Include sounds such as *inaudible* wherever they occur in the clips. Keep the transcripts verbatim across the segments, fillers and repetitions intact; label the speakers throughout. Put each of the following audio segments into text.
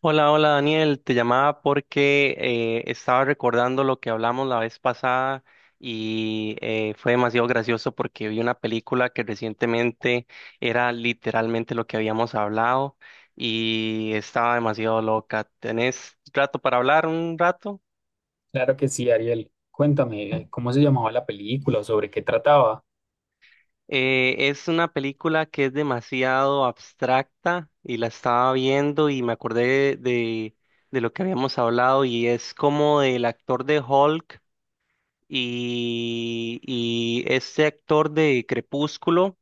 Speaker 1: Hola, hola Daniel, te llamaba porque eh, estaba recordando lo que hablamos la vez pasada y eh, fue demasiado gracioso porque vi una película que recientemente era literalmente lo que habíamos hablado y estaba demasiado loca. ¿Tenés rato para hablar? ¿Un rato?
Speaker 2: Claro que sí, Ariel. Cuéntame, ¿cómo se llamaba la película o sobre qué trataba?
Speaker 1: Eh, es una película que es demasiado abstracta y la estaba viendo y me acordé de, de lo que habíamos hablado y es como del actor de Hulk. y, y este actor de Crepúsculo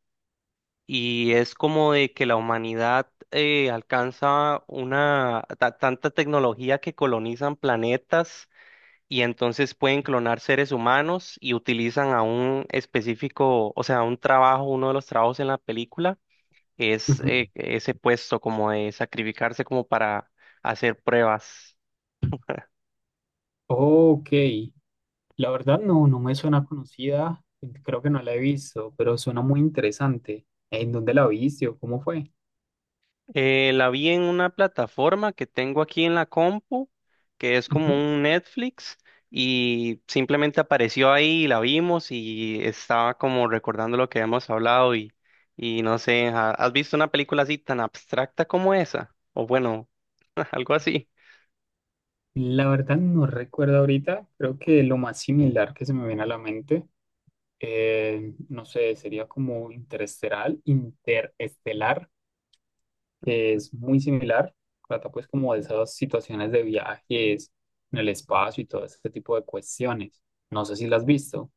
Speaker 1: y es como de que la humanidad eh, alcanza una ta- tanta tecnología que colonizan planetas y entonces pueden clonar seres humanos y utilizan a un específico, o sea, un trabajo, uno de los trabajos en la película es
Speaker 2: Ujú.
Speaker 1: eh, ese puesto como de sacrificarse como para hacer pruebas.
Speaker 2: Ok. La verdad no, no me suena conocida, creo que no la he visto, pero suena muy interesante. ¿En dónde la viste o cómo fue?
Speaker 1: Eh, la vi en una plataforma que tengo aquí en la compu, que es como
Speaker 2: Ujú.
Speaker 1: un Netflix, y simplemente apareció ahí y la vimos y estaba como recordando lo que habíamos hablado y, y no sé, ¿ha- ¿has visto una película así tan abstracta como esa? O bueno, *laughs* algo así.
Speaker 2: La verdad no recuerdo ahorita, creo que lo más similar que se me viene a la mente, eh, no sé, sería como interestelar, interestelar, que es muy similar, trata pues como de esas situaciones de viajes en el espacio y todo ese tipo de cuestiones. No sé si la has visto.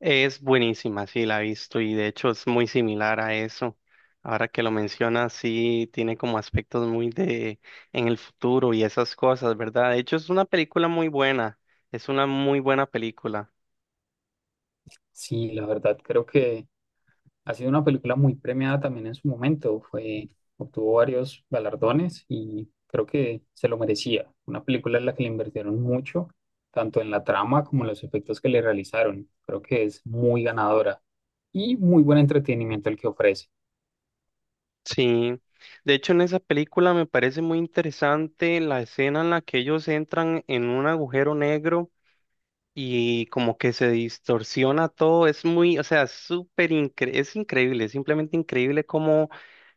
Speaker 1: Es buenísima, sí, la he visto y de hecho es muy similar a eso. Ahora que lo mencionas, sí, tiene como aspectos muy de en el futuro y esas cosas, ¿verdad? De hecho es una película muy buena, es una muy buena película.
Speaker 2: Sí, la verdad creo que ha sido una película muy premiada también en su momento. Fue, obtuvo varios galardones y creo que se lo merecía. Una película en la que le invirtieron mucho, tanto en la trama como en los efectos que le realizaron. Creo que es muy ganadora y muy buen entretenimiento el que ofrece.
Speaker 1: Sí, de hecho en esa película me parece muy interesante la escena en la que ellos entran en un agujero negro, y como que se distorsiona todo, es muy, o sea, súper incre- es increíble, es simplemente increíble cómo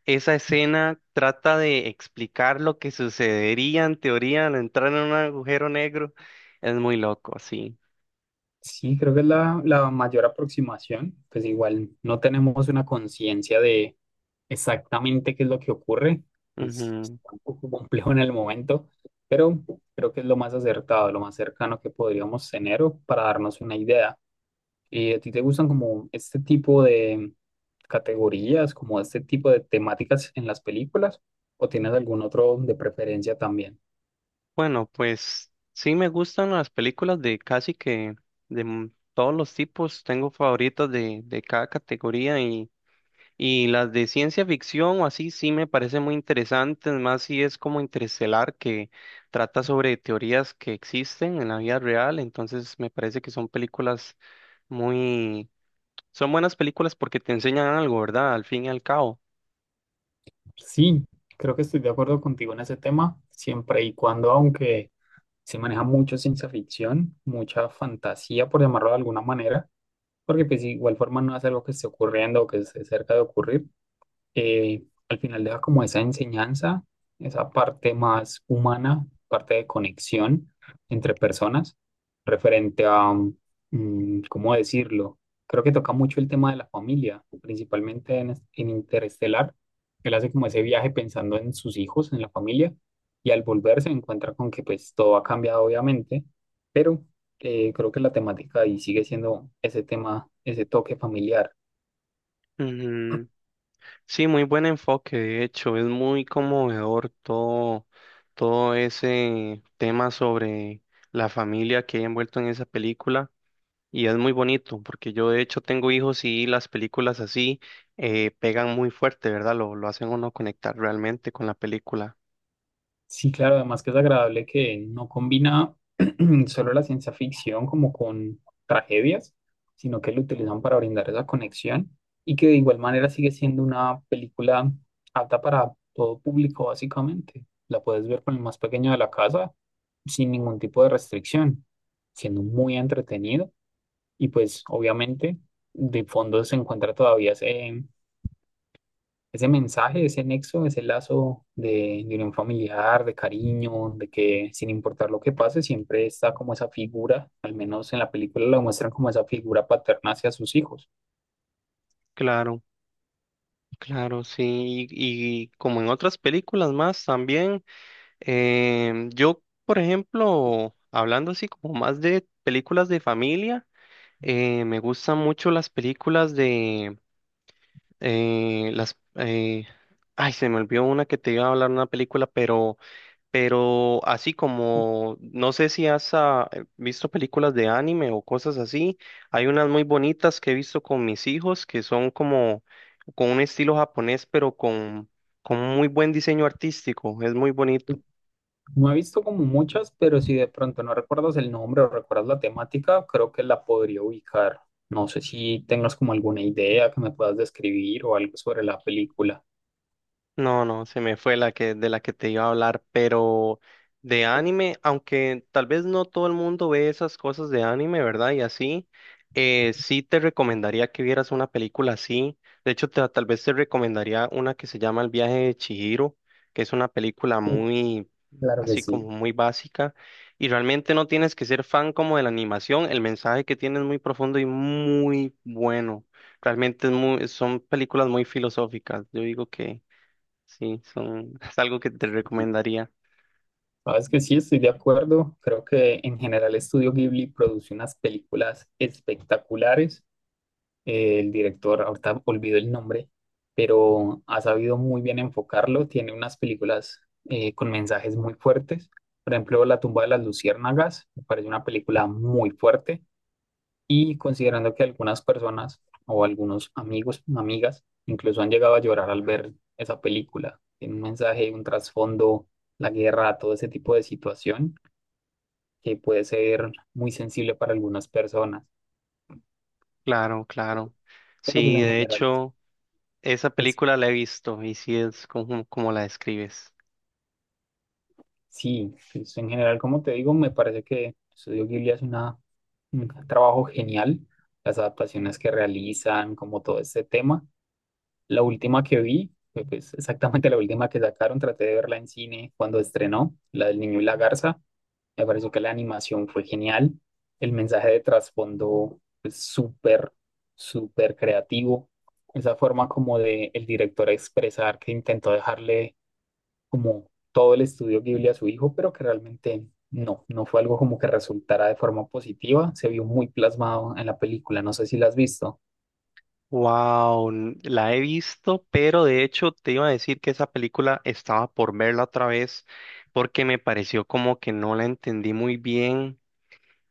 Speaker 1: esa escena trata de explicar lo que sucedería en teoría al entrar en un agujero negro. Es muy loco, sí.
Speaker 2: Sí, creo que es la, la mayor aproximación. Pues igual no tenemos una conciencia de exactamente qué es lo que ocurre. Es
Speaker 1: Ujú.
Speaker 2: un poco complejo en el momento, pero creo que es lo más acertado, lo más cercano que podríamos tener o para darnos una idea. ¿Y a ti te gustan como este tipo de categorías, como este tipo de temáticas en las películas? ¿O tienes algún otro de preferencia también?
Speaker 1: Bueno, pues sí me gustan las películas de casi que de m- todos los tipos, tengo favoritas de, de cada categoría. Y las de ciencia ficción o así sí me parecen muy interesantes, más si es como Interestelar, que trata sobre teorías que existen en la vida real, entonces me parece que son películas muy... Son buenas películas porque te enseñan algo, ¿verdad? Al fin y al cabo.
Speaker 2: Sí, creo que estoy de acuerdo contigo en ese tema, siempre y cuando, aunque se maneja mucho ciencia ficción, mucha fantasía, por llamarlo de alguna manera, porque pues igual forma no es algo que esté ocurriendo o que esté cerca de ocurrir. eh, Al final deja como esa enseñanza, esa parte más humana, parte de conexión entre personas, referente a, mm, ¿cómo decirlo? Creo que toca mucho el tema de la familia, principalmente en, es- en Interestelar. Él hace como ese viaje pensando en sus hijos, en la familia, y al volver se encuentra con que pues todo ha cambiado obviamente, pero eh, creo que la temática ahí sigue siendo ese tema, ese toque familiar.
Speaker 1: Ujú. Sí, muy buen enfoque, de hecho, es muy conmovedor todo, todo ese tema sobre la familia que hay envuelto en esa película. Y es muy bonito, porque yo de hecho tengo hijos y las películas así eh, pegan muy fuerte, ¿verdad? Lo, lo hacen uno conectar realmente con la película.
Speaker 2: Sí, claro, además que es agradable que no combina *clears throat* solo la ciencia ficción como con tragedias, sino que lo utilizan para brindar esa conexión y que de igual manera sigue siendo una película apta para todo público, básicamente. La puedes ver con el más pequeño de la casa sin ningún tipo de restricción, siendo muy entretenido y pues obviamente de fondo se encuentra todavía ese ese mensaje, ese nexo, ese lazo de, de unión familiar, de cariño, de que sin importar lo que pase, siempre está como esa figura, al menos en la película la muestran como esa figura paterna hacia sus hijos.
Speaker 1: Claro, claro, sí. Y, y como en otras películas más también, em, yo, por ejemplo, hablando así como más de películas de familia, eh, me gustan mucho las películas de eh, las... eh, ay, se me olvidó una que te iba a hablar, una película, pero... Pero así como, no sé si has ah, eh, visto películas de anime o cosas así, hay unas muy bonitas que he visto con mis hijos que son como con un estilo japonés, pero con, con muy buen diseño artístico, es muy bonito.
Speaker 2: No he visto como muchas, pero si de pronto no recuerdas el nombre o recuerdas la temática, creo que la podría ubicar. No sé si tengas como alguna idea que me puedas describir o algo sobre la película.
Speaker 1: No, no, se me fue la que de la que te iba a hablar, pero de anime, aunque tal vez no todo el mundo ve esas cosas de anime, ¿verdad? Y así, eh, sí te recomendaría que vieras una película así. De hecho, te- tal vez te recomendaría una que se llama El viaje de Chihiro, que es una película
Speaker 2: Uh,
Speaker 1: muy,
Speaker 2: claro que
Speaker 1: así como
Speaker 2: sí.
Speaker 1: muy básica. Y realmente no tienes que ser fan como de la animación, el mensaje que tiene es muy profundo y muy bueno. Realmente es muy, son películas muy filosóficas. Yo digo que sí, son, es algo que te recomendaría.
Speaker 2: Sabes que sí, estoy de acuerdo. Creo que en general Estudio Ghibli produce unas películas espectaculares. Eh, el director, ahorita olvido el nombre, pero ha sabido muy bien enfocarlo. Tiene unas películas eh, con mensajes muy fuertes. Por ejemplo, La tumba de las luciérnagas me parece una película muy fuerte. Y considerando que algunas personas o algunos amigos, amigas, incluso han llegado a llorar al ver esa película. Tiene un mensaje, un trasfondo, la guerra, todo ese tipo de situación que puede ser muy sensible para algunas personas,
Speaker 1: Claro, claro.
Speaker 2: pero pues
Speaker 1: Sí,
Speaker 2: en
Speaker 1: de
Speaker 2: general
Speaker 1: hecho, esa
Speaker 2: es,
Speaker 1: película la he visto y sí es como, como la describes.
Speaker 2: sí, pues en general, como te digo, me parece que Estudio Ghibli es una, un trabajo genial, las adaptaciones que realizan, como todo este tema. La última que vi, fue, pues exactamente la última que sacaron, traté de verla en cine cuando estrenó, la del niño y la garza. Me pareció que la animación fue genial. El mensaje de trasfondo es súper, súper creativo. Esa forma como de el director expresar que intentó dejarle como todo el estudio Ghibli a su hijo, pero que realmente no, no fue algo como que resultara de forma positiva. Se vio muy plasmado en la película. No sé si la has visto.
Speaker 1: Wow, la he visto, pero de hecho te iba a decir que esa película estaba por verla otra vez porque me pareció como que no la entendí muy bien.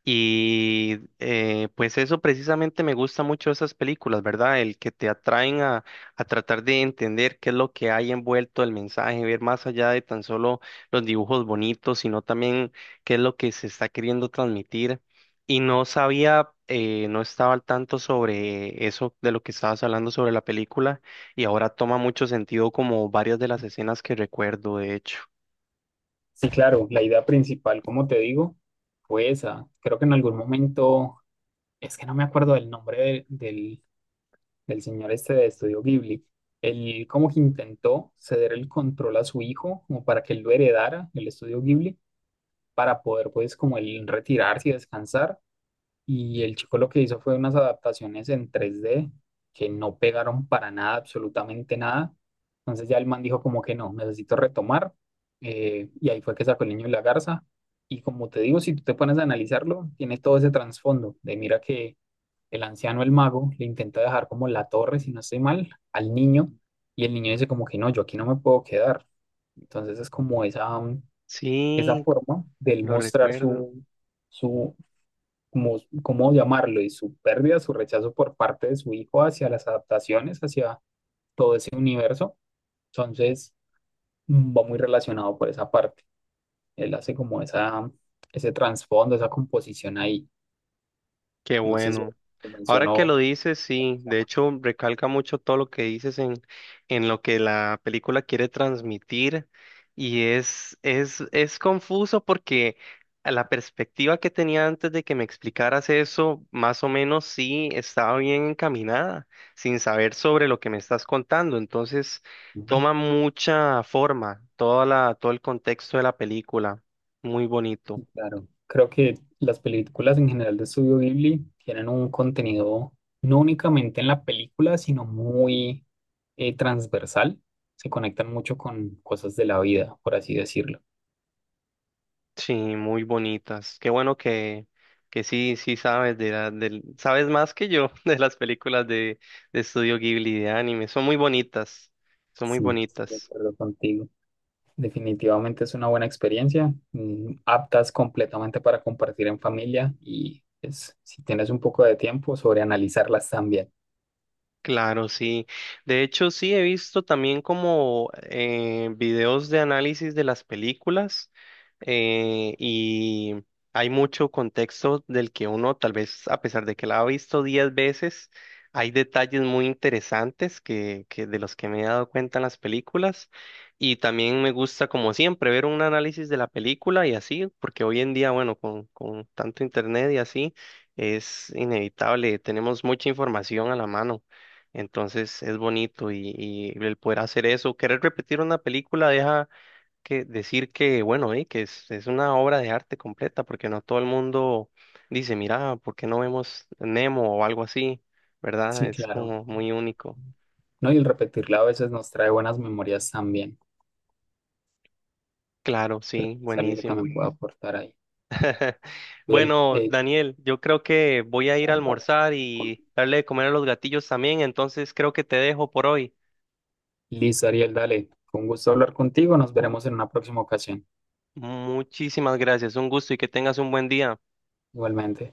Speaker 1: Y eh, pues eso precisamente me gusta mucho de esas películas, ¿verdad? El que te atraen a, a tratar de entender qué es lo que hay envuelto el mensaje, ver más allá de tan solo los dibujos bonitos, sino también qué es lo que se está queriendo transmitir. Y no sabía, eh, no estaba al tanto sobre eso de lo que estabas hablando sobre la película, y ahora toma mucho sentido como varias de las escenas que recuerdo, de hecho.
Speaker 2: Sí, claro, la idea principal, como te digo, fue esa. Creo que en algún momento, es que no me acuerdo del nombre del, del del señor este de Estudio Ghibli. Él como que intentó ceder el control a su hijo, como para que él lo heredara, el Estudio Ghibli, para poder pues como él retirarse y descansar. Y el chico lo que hizo fue unas adaptaciones en tres d que no pegaron para nada, absolutamente nada. Entonces ya el man dijo como que no, necesito retomar. Eh, y ahí fue que sacó el niño y la garza. Y como te digo, si tú te pones a analizarlo, tiene todo ese trasfondo de mira que el anciano, el mago, le intenta dejar como la torre, si no estoy mal, al niño, y el niño dice como que no, yo aquí no me puedo quedar. Entonces es como esa, mm, esa
Speaker 1: Sí,
Speaker 2: forma del
Speaker 1: lo
Speaker 2: mostrar
Speaker 1: recuerdo.
Speaker 2: su, su, como, cómo llamarlo, y su pérdida, su rechazo por parte de su hijo hacia las adaptaciones, hacia todo ese universo. Entonces mm, va muy relacionado por esa parte. Él hace como esa, ese trasfondo, esa composición ahí.
Speaker 1: Qué
Speaker 2: No sé si
Speaker 1: bueno.
Speaker 2: lo
Speaker 1: Ahora que
Speaker 2: mencionó.
Speaker 1: lo dices, sí, de hecho recalca mucho todo lo que dices en, en lo que la película quiere transmitir y es, es, es confuso porque a la perspectiva que tenía antes de que me explicaras eso, más o menos sí estaba bien encaminada, sin saber sobre lo que me estás contando, entonces
Speaker 2: Ujú.
Speaker 1: toma mucha forma toda la, todo el contexto de la película, muy bonito.
Speaker 2: Sí, claro, creo que las películas en general de Estudio Ghibli tienen un contenido no únicamente en la película, sino muy eh, transversal. Se conectan mucho con cosas de la vida, por así decirlo.
Speaker 1: Sí, muy bonitas. Qué bueno que, que sí, sí sabes de la, del, sabes más que yo *laughs* de las películas de, de Estudio Ghibli de anime. Son muy bonitas, son muy
Speaker 2: Sí, estoy de
Speaker 1: bonitas.
Speaker 2: acuerdo contigo. Definitivamente es una buena experiencia, mm, aptas completamente para compartir en familia y pues, si tienes un poco de tiempo, sobre analizarlas también.
Speaker 1: Claro, sí. De hecho, sí he visto también como eh, videos de análisis de las películas eh, y hay mucho contexto del que uno, tal vez a pesar de que la ha visto diez veces, hay detalles muy interesantes que, que de los que me he dado cuenta en las películas y también me gusta, como siempre, ver un análisis de la película y así, porque hoy en día, bueno, con, con tanto internet y así, es inevitable, tenemos mucha información a la mano. Entonces es bonito y, y el poder hacer eso, querer repetir una película deja que decir que, bueno, eh, que es, es una obra de arte completa, porque no todo el mundo dice, mira, ¿por qué no vemos Nemo o algo así? ¿Verdad?
Speaker 2: Sí,
Speaker 1: Es
Speaker 2: claro.
Speaker 1: como muy único.
Speaker 2: No, y el repetirla a veces nos trae buenas memorias también.
Speaker 1: Claro,
Speaker 2: Pero
Speaker 1: sí,
Speaker 2: es algo que
Speaker 1: buenísimo.
Speaker 2: también puedo aportar ahí.
Speaker 1: *laughs*
Speaker 2: Ariel,
Speaker 1: Bueno,
Speaker 2: eh,
Speaker 1: Daniel, yo creo que voy a ir a almorzar y darle de comer a los gatillos también, entonces creo que te dejo por hoy.
Speaker 2: listo, Ariel, dale. Con gusto hablar contigo. Nos veremos en una próxima ocasión.
Speaker 1: Muchísimas gracias, un gusto y que tengas un buen día.
Speaker 2: Igualmente.